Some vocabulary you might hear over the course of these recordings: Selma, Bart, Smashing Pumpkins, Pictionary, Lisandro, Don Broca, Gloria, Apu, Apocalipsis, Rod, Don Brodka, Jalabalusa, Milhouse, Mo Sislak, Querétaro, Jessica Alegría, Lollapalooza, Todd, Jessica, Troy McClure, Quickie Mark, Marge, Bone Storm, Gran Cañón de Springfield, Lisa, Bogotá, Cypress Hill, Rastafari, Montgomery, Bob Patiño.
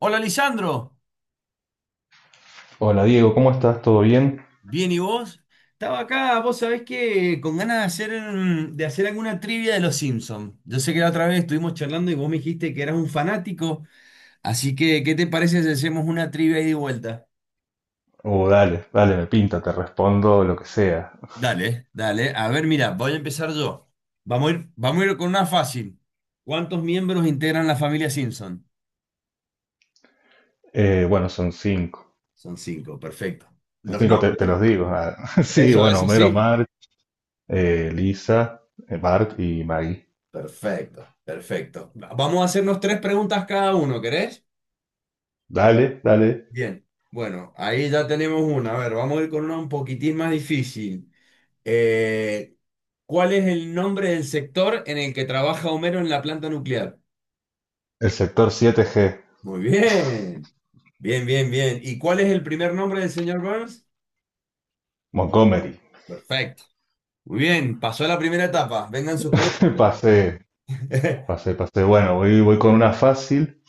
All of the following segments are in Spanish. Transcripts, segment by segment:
Hola Lisandro. Hola Diego, ¿cómo estás? ¿Todo bien? ¿Bien y vos? Estaba acá, vos sabés que con ganas de hacer, de hacer alguna trivia de los Simpsons. Yo sé que la otra vez estuvimos charlando y vos me dijiste que eras un fanático, así que ¿qué te parece si hacemos una trivia ida y vuelta? Oh, dale, dale, me pinta, te respondo lo que sea. Dale, dale. A ver, mira, voy a empezar yo. Vamos a ir con una fácil. ¿Cuántos miembros integran la familia Simpson? Bueno, son cinco. Son cinco, perfecto. Son ¿Los cinco, te nombres? los digo. Ah, sí, Eso, bueno, eso Homero, sí. Mark, Lisa, Bart y Maggie. Perfecto, perfecto. Vamos a hacernos tres preguntas cada uno, ¿querés? Dale, dale. Bien, bueno, ahí ya tenemos una. A ver, vamos a ir con una un poquitín más difícil. Eh, ¿Cuál es el nombre del sector en el que trabaja Homero en la planta nuclear? El sector 7G, Muy bien, bien, bien, bien. ¿Y cuál es el primer nombre del señor Burns? Montgomery. Perfecto. Muy bien, pasó a la primera etapa. Vengan sus preguntas. Pasé, pasé, pasé. Bueno, voy con una fácil.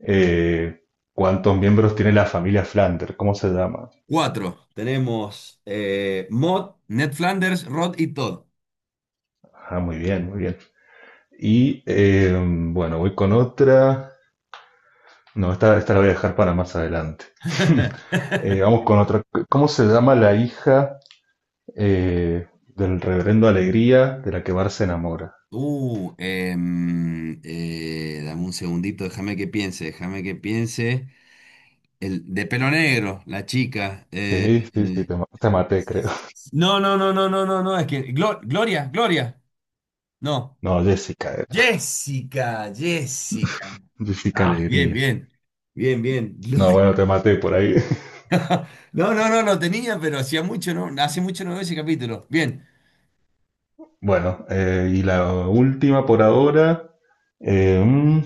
Eh, ¿Cuántos miembros tiene la familia Flander? ¿Cómo se llama? Cuatro. Tenemos Maude, Ned Flanders, Rod y Todd. Ah, muy bien, muy bien. Y bueno, voy con otra. No, esta la voy a dejar para más adelante. Vamos con otra. ¿Cómo se llama la hija del reverendo Alegría de la que Bar se enamora? Dame un segundito, déjame que piense, déjame que piense. El de pelo negro, la chica. Sí, sí, sí, eh, te maté, creo. No, no, no, no, no, no, no, es que Gloria, Gloria, no. No, Jessica era. Jessica, Jessica. Jessica Ah, bien, Alegría. bien. Bien, bien. No, Gloria. bueno, te maté por ahí. No, no, no, lo tenía, pero hacía mucho, no, hace mucho no veo ese capítulo. Bien. Bueno, y la última por ahora. eh, mm,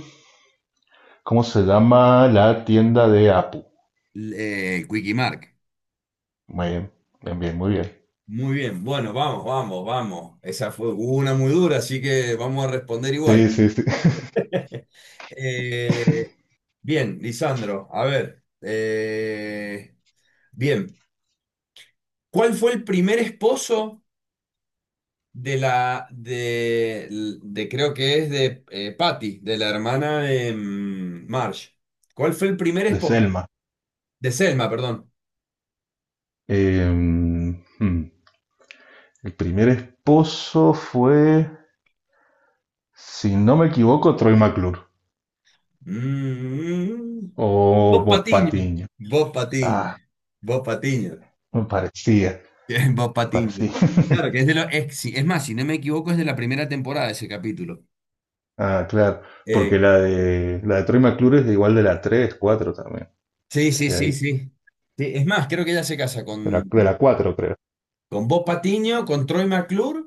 ¿Cómo se llama la tienda de Apu? Quickie Mark. Muy bien, bien, bien, muy bien. Muy bien. Bueno, vamos, vamos, vamos. Esa fue una muy dura, así que vamos a responder igual. Sí, sí, sí. Eh, bien, Lisandro, a ver. Bien, ¿cuál fue el primer esposo de la, de- creo que es de Patty, de la hermana de Marge? ¿Cuál fue el primer De esposo? Selma. De Selma, perdón. Eh, mm, hmm. El primer esposo fue, si no me equivoco, Troy McClure Mm, o Bob Bob Patiño. Patiño. Bob Patiño. Ah, Bob Patiño. me parecía, me Bien, Bob Patiño. parecía. Claro, que es de los es más, si no me equivoco, es de la primera temporada ese capítulo. Ah, claro, Eh, porque la de Troy McClure es de igual de la 3, 4 también, Sí, es sí, de sí, ahí, sí. Sí, es más, creo que ella se casa de la, con, de la 4 creo, con Bob Patiño, con Troy McClure.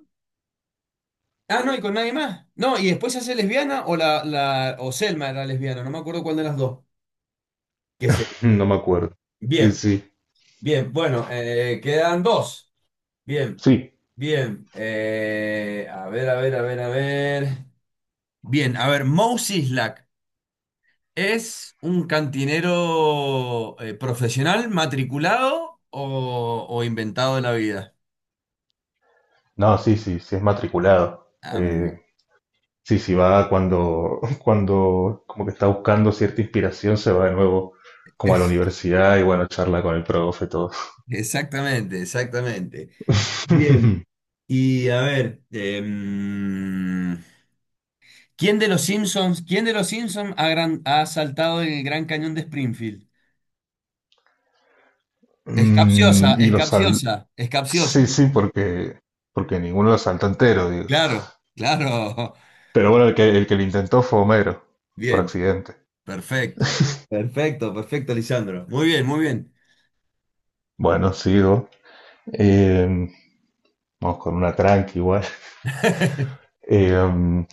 Ah, no, y con nadie más. No, y después se hace lesbiana o la o Selma era lesbiana, no me acuerdo cuál de las dos. Que se- no me acuerdo. Sí, Bien, sí, bien, bueno, quedan dos. Bien, sí, bien. A ver, a ver, a ver, a ver. Bien, a ver, Mo Sislak es un cantinero profesional, matriculado o inventado de la vida. no, sí, sí, sí es matriculado. Ah, muy bien. Sí, sí va cuando como que está buscando cierta inspiración, se va de nuevo como a la universidad y bueno, charla con el profe, todo. Exactamente, exactamente. Bien. Y a ver, ¿quién de los Simpsons ha saltado en el Gran Cañón de Springfield? Es capciosa, Mm, y es los sal... capciosa, es capciosa. Sí, sí, porque ninguno lo salta entero, digo. Claro, claro. Pero bueno, el que lo intentó fue Homero, por Bien, accidente. perfecto. Perfecto, perfecto, Lisandro. Muy bien, muy bien. Bueno, sigo. Eh, vamos con una tranqui igual. Eh,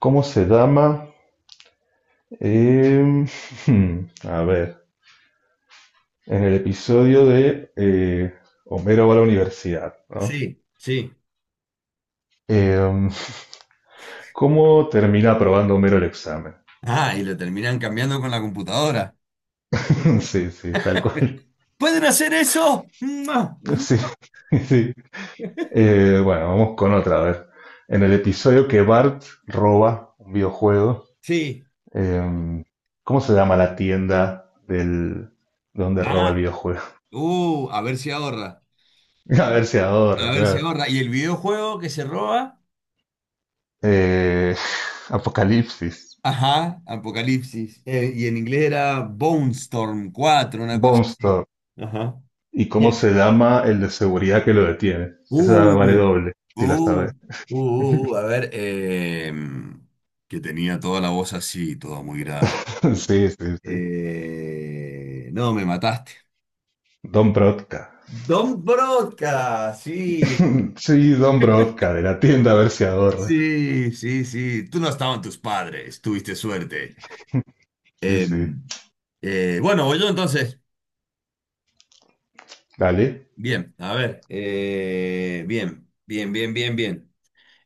¿Cómo se llama? Eh, a ver, en el episodio de Homero va a la universidad, ¿no? Sí, sí. Eh, ¿cómo termina aprobando Homero el examen? Ah, y lo terminan cambiando con la computadora. Sí, sí, tal cual. ¿Pueden hacer eso? ¡Mua! Sí, sí. Bueno, vamos con otra, a ver. En el episodio que Bart roba un videojuego, Sí. em, ¿cómo se llama la tienda donde roba el Ah, videojuego? A ver si ahorra. A ver si A ahorra, ver si claro. ahorra. Y el videojuego que se roba, Eh, Apocalipsis, ajá, Apocalipsis. Y en inglés era Bone Storm 4 una cosa Bone así. Store. Ajá. ¿Y Bien. cómo se llama el de seguridad que lo detiene? Esa Uh, vale doble, si la uh, sabes. A ver, que tenía toda la voz así, toda muy grave. Sí, sí, sí. No, me mataste. Don Brodka. Don Broca, sí, Sí, Don Brodka, de la tienda a ver si ahorra. sí, sí, sí. Tú no estaban tus padres, tuviste suerte. Sí, Eh, sí. Bueno, voy yo entonces. Dale. Bien, a ver, bien, bien, bien, bien, bien.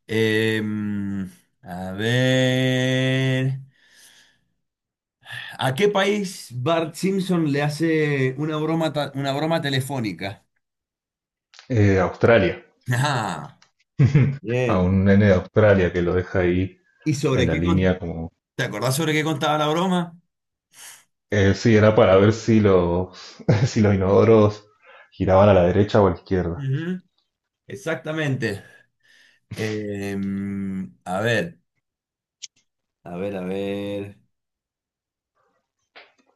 Em, a ver, ¿a qué país Bart Simpson le hace una broma, una broma telefónica? Australia, Ajá. a un Bien. nene de Australia que lo deja ahí ¿Y en sobre la qué línea con- como... ¿Te acordás sobre qué contaba la broma? Sí, era para ver si los, si los inodoros giraban a la derecha o a la izquierda. Ujú, exactamente. A ver, a ver, a ver.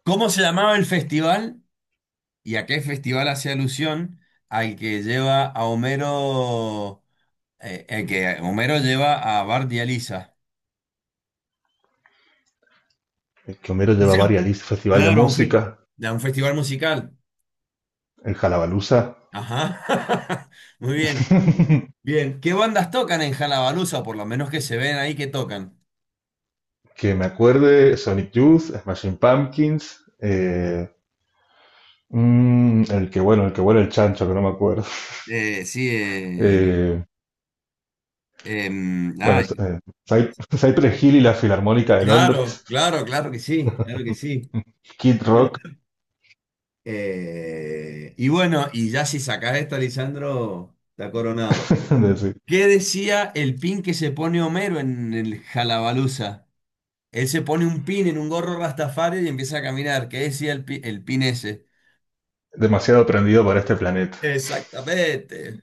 ¿Cómo se llamaba el festival y a qué festival hace alusión al que lleva a Homero? Que Homero lleva a Bart y a Lisa. El que Homero lleva Dice, varias listas, Festival de claro, a un, fe- Música, a un festival musical. el Jalabalusa, Ajá. Muy bien. Bien. ¿Qué bandas tocan en Lollapalooza? Por lo menos que se ven ahí que tocan. que me acuerde, Sonic Youth, Smashing Pumpkins, el que bueno, el chancho, que no me acuerdo. Sí. Eh, bueno, Ay, es- eh, Cypress Hill y la Filarmónica de claro, Londres, claro, claro que sí. Claro que sí. Kid Rock, Y bueno, y ya si sacás esta, Lisandro, está coronado. de- sí. ¿Qué decía el pin que se pone Homero en el Jalabaluza? Él se pone un pin en un gorro Rastafari y empieza a caminar. ¿Qué decía el pin ese? Demasiado aprendido para este planeta. Exactamente.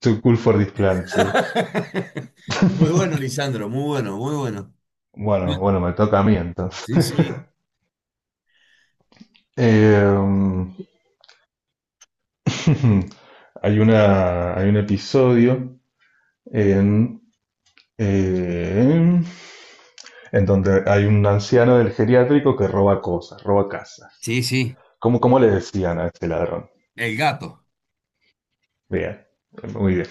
Too cool for this planet, sí. Muy bueno, Lisandro, muy bueno, muy bueno. Bueno, bueno, me toca a mí entonces. Sí, sí. Eh, hay un episodio en, eh, en donde hay un anciano del geriátrico que roba cosas, roba casas. Sí, sí. ¿Cómo, cómo le decían a este ladrón? El gato. Bien, muy bien,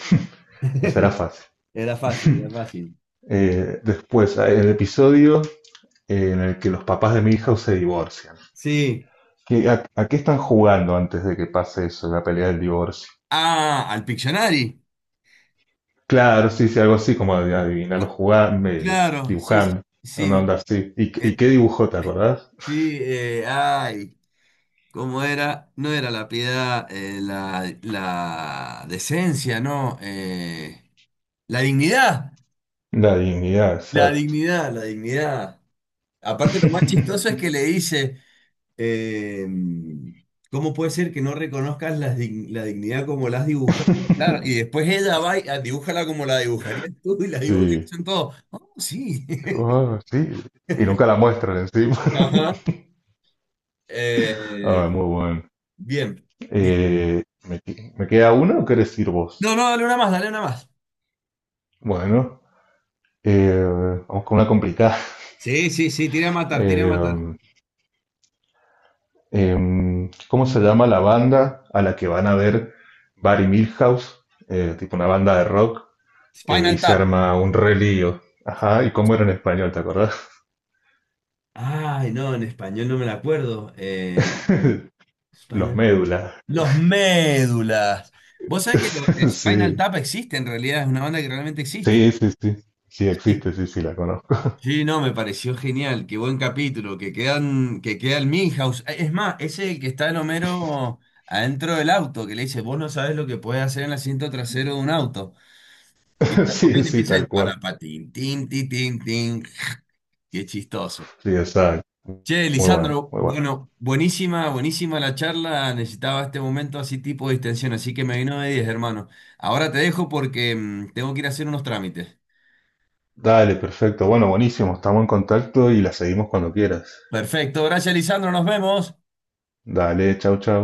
será fácil. Era fácil, era fácil. Después, hay el episodio en el que los papás de mi hija se divorcian. Sí. ¿Qué- a qué están jugando antes de que pase eso, la pelea del divorcio? Ah, al Pictionary. Claro, sí, sí, algo así como de adivinarlo Co- jugando, Claro, sí, sí. dibujando, una Sí, onda así. Y eh, qué dibujó, te acordás? sí, ay. ¿Cómo era? No era la piedad, la, decencia, ¿no? La dignidad, La dignidad, la exacto. dignidad, la dignidad. Aparte, lo más chistoso es que le dice, eh, ¿cómo puede ser que no reconozcas la dignidad como la has dibujado? Claro, y después ella va y ah, dibújala como la dibujarías tú y la dibujan Sí. todos. Oh, sí. Oh, sí. Y nunca la muestran encima. Ajá. Eh, Ah, muy bueno. bien. Bien. Eh, ¿Me, que- me queda una o querés ir vos? No, no, dale una más, dale una más. Bueno, eh, vamos con una complicada. Sí, sí, sí, tira a matar, tira a matar. Eh, ¿cómo se llama la banda a la que van a ver Barry Milhouse? Tipo una banda de rock, y Spinal se Tap. arma un relío. Ajá, ¿y cómo era en español, te acordás? Ay, no, en español no me la acuerdo. Los Médulas. Los Médulas. Vos sabés que los de Spinal Tap existe en realidad, es una banda que realmente existe. Sí, sí, sí, sí. Sí Sí, existe, sí, sí, la conozco. sí, no, me pareció genial, qué buen capítulo, que queda el Milhouse. Es más, ese el que está el Homero adentro del auto, que le dice, vos no sabés lo que puede hacer en el asiento trasero de un auto. Que está Sí, comiendo y sí, empieza tal el cual. parapatín, tin, tin, tin, tin. Qué chistoso. Sí, exacto. Che, Muy bueno, Lisandro, muy bueno. bueno, buenísima, buenísima la charla. Necesitaba este momento así tipo de distensión, así que me vino de 10, hermano. Ahora te dejo porque tengo que ir a hacer unos trámites. Dale, perfecto. Bueno, buenísimo. Estamos en contacto y la seguimos cuando quieras. Perfecto, gracias, Lisandro, nos vemos. Dale, chau, chau.